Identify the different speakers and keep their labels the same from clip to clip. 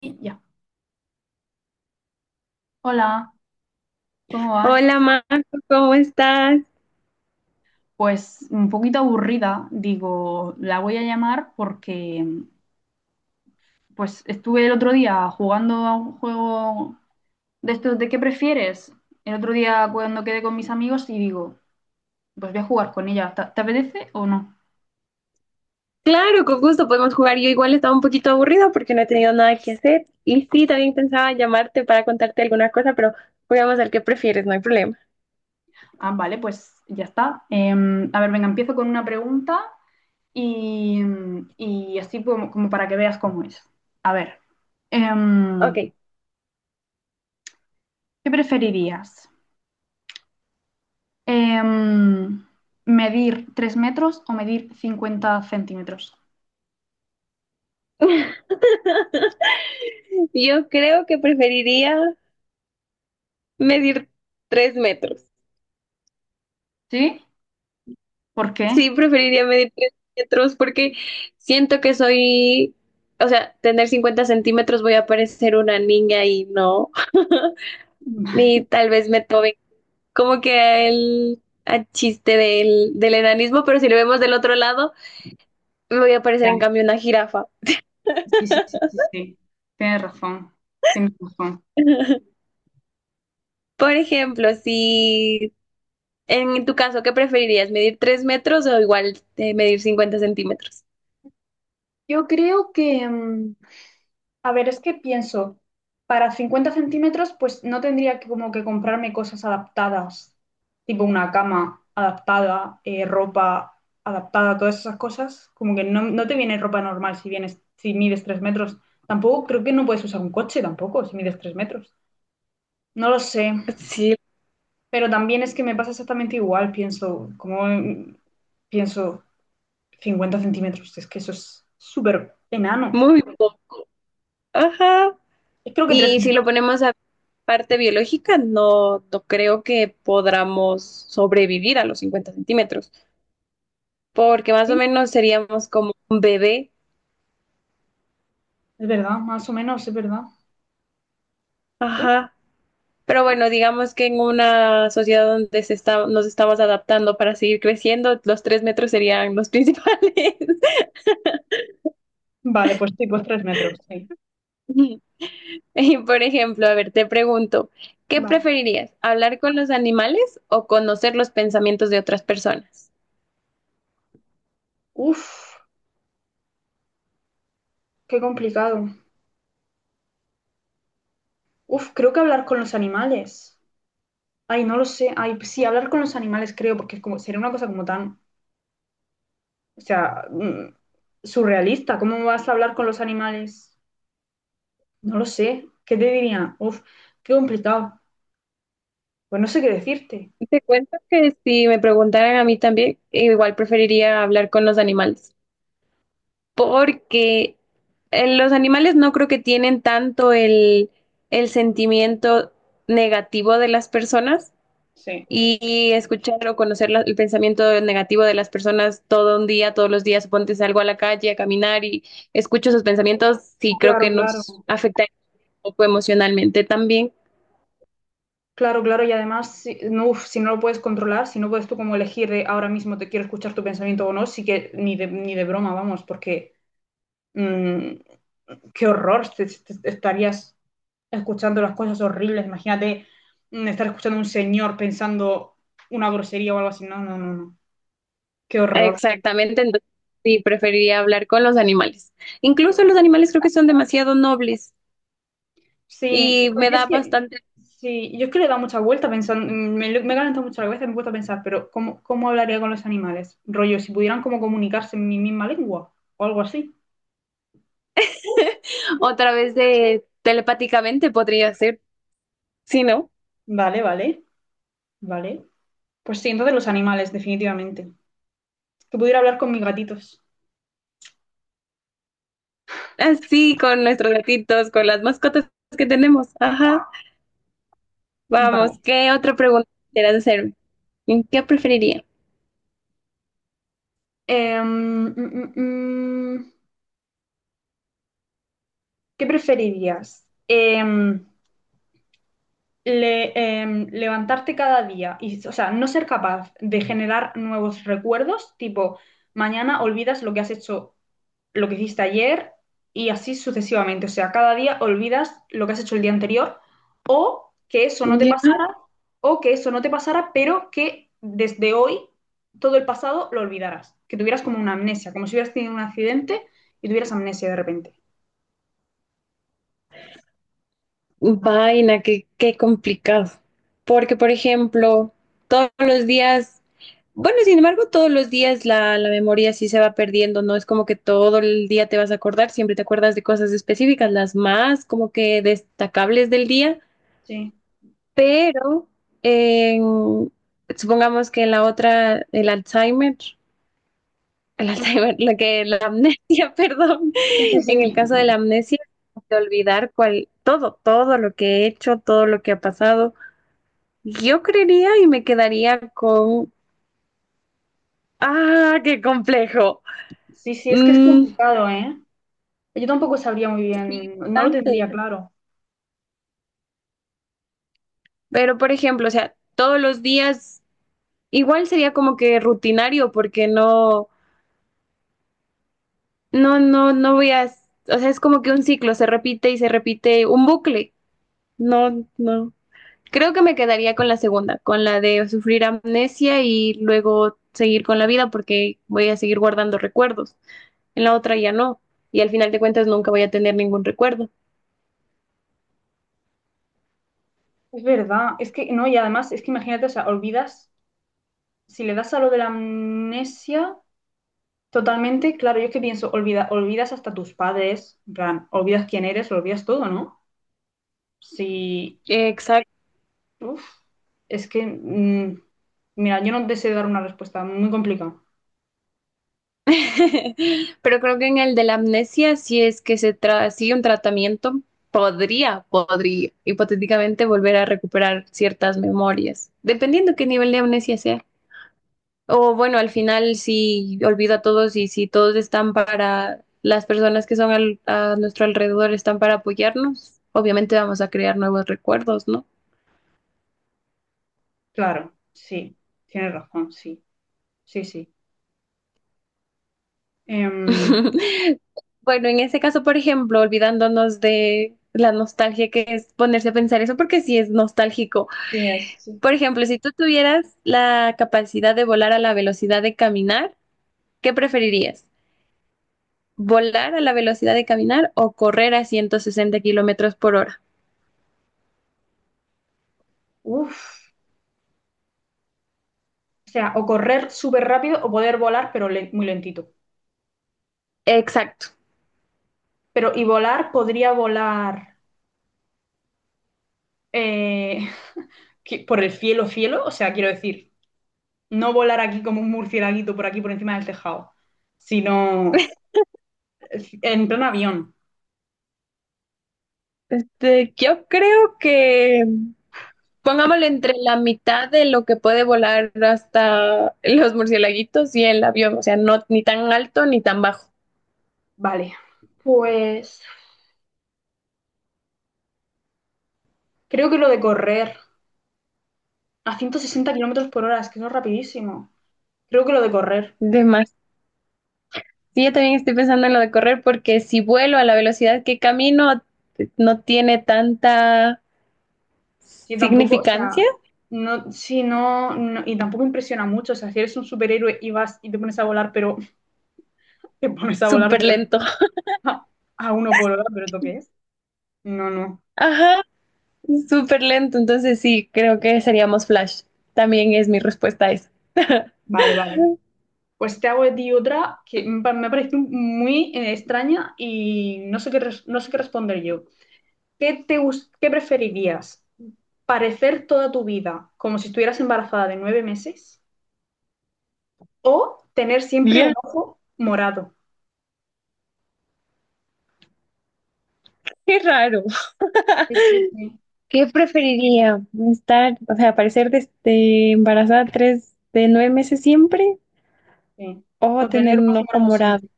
Speaker 1: Ya. Hola, ¿cómo vas?
Speaker 2: Hola Marco, ¿cómo estás?
Speaker 1: Pues un poquito aburrida, digo, la voy a llamar porque pues estuve el otro día jugando a un juego de estos de qué prefieres. El otro día cuando quedé con mis amigos y digo, pues voy a jugar con ella. ¿Te apetece o no?
Speaker 2: Claro, con gusto podemos jugar. Yo igual estaba un poquito aburrida porque no he tenido nada que hacer. Y sí, también pensaba llamarte para contarte alguna cosa, pero juguemos al que prefieres, no hay problema.
Speaker 1: Ah, vale, pues ya está. A ver, venga, empiezo con una pregunta y, y así como para que veas cómo es. A ver, em,
Speaker 2: Ok.
Speaker 1: ¿qué preferirías? Em, ¿Medir 3 metros o medir 50 centímetros?
Speaker 2: Yo creo que preferiría medir 3 metros.
Speaker 1: ¿Sí? ¿Por qué?
Speaker 2: Sí, preferiría medir 3 metros porque siento que soy, o sea, tener 50 centímetros voy a parecer una niña y no. Y tal vez me tomen como que al chiste del enanismo, pero si lo vemos del otro lado, me voy a parecer
Speaker 1: Ya,
Speaker 2: en cambio una jirafa.
Speaker 1: sí, sí, sí, sí, sí. Tienes razón, tienes razón.
Speaker 2: Por ejemplo, si en tu caso, ¿qué preferirías? ¿Medir 3 metros o igual medir 50 centímetros?
Speaker 1: Yo creo que, a ver, es que pienso, para 50 centímetros, pues no tendría que como que comprarme cosas adaptadas, tipo una cama adaptada, ropa adaptada, todas esas cosas. Como que no te viene ropa normal si vienes, si mides 3 metros. Tampoco creo que no puedes usar un coche tampoco si mides 3 metros. No lo sé,
Speaker 2: Sí,
Speaker 1: pero también es que me pasa exactamente igual, pienso, como pienso 50 centímetros, es que eso es súper enano.
Speaker 2: muy poco. Ajá.
Speaker 1: Es creo que 3
Speaker 2: Y si lo
Speaker 1: metros,
Speaker 2: ponemos a parte biológica, no, no creo que podamos sobrevivir a los 50 centímetros, porque más o
Speaker 1: sí,
Speaker 2: menos seríamos como un bebé.
Speaker 1: es verdad, más o menos, es verdad. Uh,
Speaker 2: Ajá. Pero bueno, digamos que en una sociedad donde se está, nos estamos adaptando para seguir creciendo, los 3 metros serían los principales.
Speaker 1: Vale, pues sí, pues tres metros, sí.
Speaker 2: Y por ejemplo, a ver, te pregunto, ¿qué
Speaker 1: Vale.
Speaker 2: preferirías? ¿Hablar con los animales o conocer los pensamientos de otras personas?
Speaker 1: Uf, qué complicado. Uf, creo que hablar con los animales. Ay, no lo sé. Ay, sí, hablar con los animales creo, porque es como, sería una cosa como tan, o sea, surrealista. ¿Cómo vas a hablar con los animales? No lo sé. ¿Qué te diría? Uf, qué complicado. Pues no sé qué decirte.
Speaker 2: Te cuento que si me preguntaran a mí también, igual preferiría hablar con los animales, porque los animales no creo que tienen tanto el sentimiento negativo de las personas
Speaker 1: Sí,
Speaker 2: y escuchar o conocer el pensamiento negativo de las personas todo un día, todos los días, ponte salgo a la calle a caminar y escucho esos pensamientos, sí creo que
Speaker 1: claro, claro.
Speaker 2: nos afecta un poco emocionalmente también.
Speaker 1: Claro, claro. Y además, si no, uf, si no lo puedes controlar, si no puedes tú como elegir de ahora mismo te quiero escuchar tu pensamiento o no, sí que ni de broma, vamos, porque mmm, qué horror, te estarías escuchando las cosas horribles, imagínate estar escuchando a un señor pensando una grosería o algo así, no, no, no, no, qué horror.
Speaker 2: Exactamente, entonces sí preferiría hablar con los animales. Incluso los animales creo que son demasiado nobles
Speaker 1: Sí,
Speaker 2: y
Speaker 1: bueno,
Speaker 2: me
Speaker 1: yo es
Speaker 2: da
Speaker 1: que,
Speaker 2: bastante
Speaker 1: sí, yo es que le he dado mucha vuelta pensando, me he calentado mucho la cabeza, y me he puesto a pensar, pero ¿cómo hablaría con los animales? Rollo, si pudieran como comunicarse en mi misma lengua o algo así.
Speaker 2: otra vez de telepáticamente podría ser, ¿sí no?
Speaker 1: Vale, vale, vale. Pues sí, entonces los animales, definitivamente. Que pudiera hablar con mis gatitos.
Speaker 2: Así con nuestros gatitos, con las mascotas que tenemos. Ajá. Vamos,
Speaker 1: Vale.
Speaker 2: ¿qué otra pregunta quieras hacerme? ¿En ¿Qué preferiría?
Speaker 1: Em, mm, mm, mm, ¿Qué preferirías? Le- levantarte cada día y, o sea, no ser capaz de generar nuevos recuerdos, tipo, mañana olvidas lo que has hecho, lo que hiciste ayer y así sucesivamente. O sea, cada día olvidas lo que has hecho el día anterior o que eso no te
Speaker 2: Ya,
Speaker 1: pasara, o que eso no te pasara, pero que desde hoy todo el pasado lo olvidaras, que tuvieras como una amnesia, como si hubieras tenido un accidente y tuvieras amnesia de repente.
Speaker 2: vaina, qué complicado. Porque, por ejemplo, todos los días, bueno, sin embargo, todos los días la memoria sí se va perdiendo, no es como que todo el día te vas a acordar, siempre te acuerdas de cosas específicas, las más como que destacables del día,
Speaker 1: Sí.
Speaker 2: pero en- supongamos que la otra, el Alzheimer. El Alzheimer, la que la amnesia, perdón.
Speaker 1: Sí, sí,
Speaker 2: En el
Speaker 1: sí.
Speaker 2: caso de la amnesia, de olvidar cual, todo, todo lo que he hecho, todo lo que ha pasado. Yo creería y me quedaría con, ah, qué complejo.
Speaker 1: Sí, sí, es que es
Speaker 2: Mm,
Speaker 1: complicado, ¿eh? Yo tampoco sabría muy
Speaker 2: sí,
Speaker 1: bien, no lo
Speaker 2: bastante.
Speaker 1: tendría claro.
Speaker 2: Pero por ejemplo, o sea, todos los días igual sería como que rutinario porque no, no, no, no voy a, o sea, es como que un ciclo se repite y se repite un bucle. No, no. Creo que me quedaría con la segunda, con la de sufrir amnesia y luego seguir con la vida porque voy a seguir guardando recuerdos. En la otra ya no. Y al final de cuentas nunca voy a tener ningún recuerdo.
Speaker 1: Es verdad, es que no, y además es que imagínate, o sea, olvidas, si le das a lo de la amnesia totalmente, claro, yo es que pienso, olvidas hasta tus padres, en plan, olvidas quién eres, lo olvidas todo, ¿no? Sí,
Speaker 2: Exacto.
Speaker 1: uf, es que, mira, yo no deseo dar una respuesta muy complicada.
Speaker 2: Pero creo que en el de la amnesia, si es que sigue un tratamiento, podría hipotéticamente volver a recuperar ciertas memorias, dependiendo qué nivel de amnesia sea. O bueno, al final si olvido a todos y si todos están para, las personas que son a nuestro alrededor están para apoyarnos, obviamente vamos a crear nuevos recuerdos, ¿no?
Speaker 1: Claro, sí, tienes razón, sí, sí, sí. Em,
Speaker 2: Bueno, en ese caso, por ejemplo, olvidándonos de la nostalgia que es ponerse a pensar eso, porque sí es nostálgico.
Speaker 1: sí, sí.
Speaker 2: Por ejemplo, si tú tuvieras la capacidad de volar a la velocidad de caminar, ¿qué preferirías? ¿Volar a la velocidad de caminar o correr a 160 kilómetros por hora?
Speaker 1: Uf, o sea, o correr súper rápido o poder volar, pero muy lentito.
Speaker 2: Exacto.
Speaker 1: Pero, ¿y volar? ¿Podría volar eh, por el cielo, cielo? O sea, quiero decir, no volar aquí como un murcielaguito por aquí por encima del tejado, sino en plan avión.
Speaker 2: Yo creo que pongámoslo entre la mitad de lo que puede volar hasta los murciélaguitos y el avión, o sea, no ni tan alto ni tan bajo.
Speaker 1: Vale. Pues creo que lo de correr a 160 kilómetros por hora, es que eso es rapidísimo. Creo que lo de correr.
Speaker 2: De más. Sí, yo también estoy pensando en lo de correr porque si vuelo a la velocidad que camino no tiene tanta
Speaker 1: Sí, tampoco, o
Speaker 2: significancia,
Speaker 1: sea, no, sí, no, y tampoco impresiona mucho. O sea, si eres un superhéroe y vas y te pones a volar, pero te pones a volar
Speaker 2: súper
Speaker 1: de
Speaker 2: lento.
Speaker 1: repente a, a uno por hora, ¿pero esto qué es? No, no.
Speaker 2: Ajá, súper lento, entonces sí, creo que seríamos Flash. También es mi respuesta a eso.
Speaker 1: Vale, vale. Pues te hago de ti otra que me ha parecido muy extraña y no sé qué responder yo. Qué preferirías? ¿Parecer toda tu vida como si estuvieras embarazada de nueve meses? ¿O tener siempre
Speaker 2: Ya,
Speaker 1: un ojo morado?
Speaker 2: qué raro.
Speaker 1: Sí, sí, sí,
Speaker 2: ¿Qué preferiría? ¿Estar, o sea, parecer embarazada tres de 9 meses siempre
Speaker 1: sí.
Speaker 2: o
Speaker 1: O
Speaker 2: tener
Speaker 1: tener un
Speaker 2: un
Speaker 1: ojo
Speaker 2: ojo
Speaker 1: morado
Speaker 2: morado?
Speaker 1: siempre.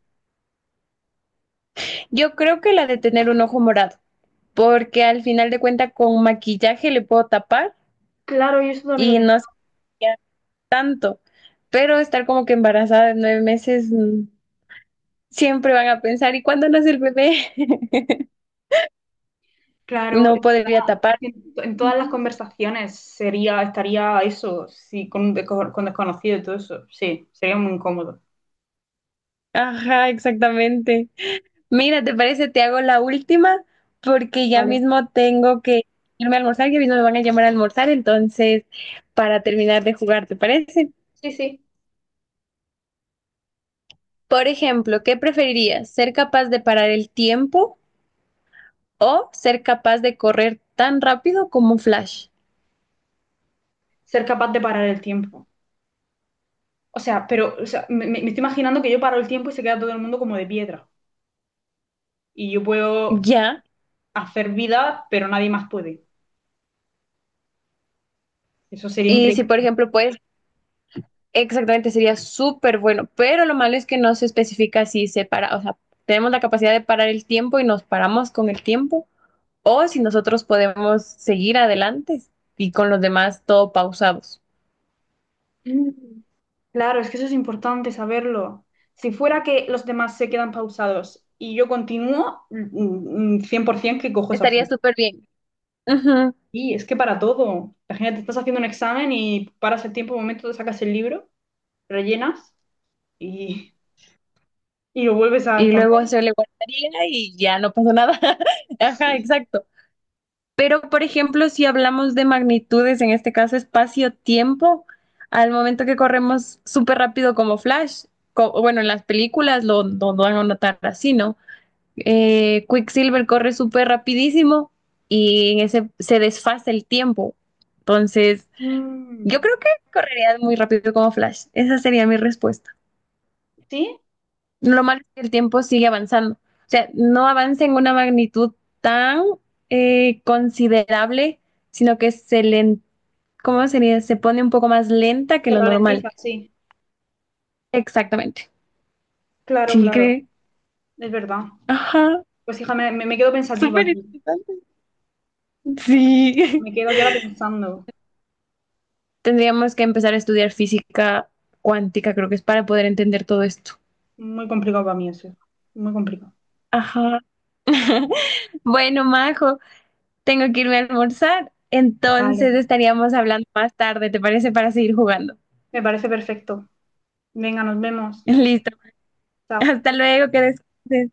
Speaker 2: Yo creo que la de tener un ojo morado, porque al final de cuentas con maquillaje le puedo tapar
Speaker 1: Claro, yo eso también lo
Speaker 2: y
Speaker 1: pensé.
Speaker 2: no se vería tanto, pero estar como que embarazada de 9 meses siempre van a pensar, ¿y cuándo nace el bebé?
Speaker 1: Claro, es
Speaker 2: No podría tapar.
Speaker 1: que en todas las
Speaker 2: Ujú.
Speaker 1: conversaciones sería, estaría eso, sí, con desconocido y todo eso. Sí, sería muy incómodo.
Speaker 2: Ajá, exactamente. Mira, ¿te parece? Te hago la última porque ya
Speaker 1: Vale.
Speaker 2: mismo tengo que irme a almorzar, ya mismo me van a llamar a almorzar, entonces para terminar de jugar, ¿te parece?
Speaker 1: Sí, sí.
Speaker 2: Por ejemplo, ¿qué preferirías? ¿Ser capaz de parar el tiempo o ser capaz de correr tan rápido como un Flash?
Speaker 1: Ser capaz de parar el tiempo. O sea, pero o sea, me estoy imaginando que yo paro el tiempo y se queda todo el mundo como de piedra. Y yo puedo
Speaker 2: Ya.
Speaker 1: hacer vida, pero nadie más puede. Eso sería
Speaker 2: Y si,
Speaker 1: increíble.
Speaker 2: por ejemplo, puedes, exactamente sería súper bueno, pero lo malo es que no se especifica si se para, o sea, tenemos la capacidad de parar el tiempo y nos paramos con el tiempo o si nosotros podemos seguir adelante y con los demás todo pausados.
Speaker 1: Mm. Claro, es que eso es importante saberlo. Si fuera que los demás se quedan pausados y yo continúo, 100% que cojo esa
Speaker 2: Estaría
Speaker 1: opción.
Speaker 2: súper bien. Ujú.
Speaker 1: Y es que para todo. Imagínate, estás haciendo un examen y paras el tiempo, un momento, te sacas el libro, rellenas y, y lo vuelves a
Speaker 2: Y luego
Speaker 1: contar.
Speaker 2: se le guardaría y ya no pasó nada. Ajá, exacto. Pero, por ejemplo, si hablamos de magnitudes, en este caso espacio-tiempo, al momento que corremos súper rápido como Flash, bueno, en las películas lo van a notar así, ¿no? Quicksilver corre súper rapidísimo y en ese se desfasa el tiempo. Entonces, yo
Speaker 1: Mm,
Speaker 2: creo que correría muy rápido como Flash. Esa sería mi respuesta.
Speaker 1: ¿sí?
Speaker 2: Lo malo es que el tiempo sigue avanzando. O sea, no avanza en una magnitud tan considerable, sino que se le, ¿cómo sería? Se pone un poco más lenta que
Speaker 1: Se
Speaker 2: lo normal.
Speaker 1: ralentiza, sí.
Speaker 2: Exactamente.
Speaker 1: Claro,
Speaker 2: Sí,
Speaker 1: claro.
Speaker 2: cree.
Speaker 1: Es verdad.
Speaker 2: Ajá.
Speaker 1: Pues hija, me quedo pensativa
Speaker 2: Súper
Speaker 1: aquí.
Speaker 2: interesante. Sí.
Speaker 1: Me quedo aquí ahora pensando.
Speaker 2: Tendríamos que empezar a estudiar física cuántica, creo que es para poder entender todo esto.
Speaker 1: Muy complicado para mí eso. Muy complicado.
Speaker 2: Ajá. Bueno, Majo, tengo que irme a almorzar, entonces
Speaker 1: Vale.
Speaker 2: estaríamos hablando más tarde, ¿te parece? Para seguir jugando.
Speaker 1: Me parece perfecto. Venga, nos vemos.
Speaker 2: Listo.
Speaker 1: Chao.
Speaker 2: Hasta luego, que descanses.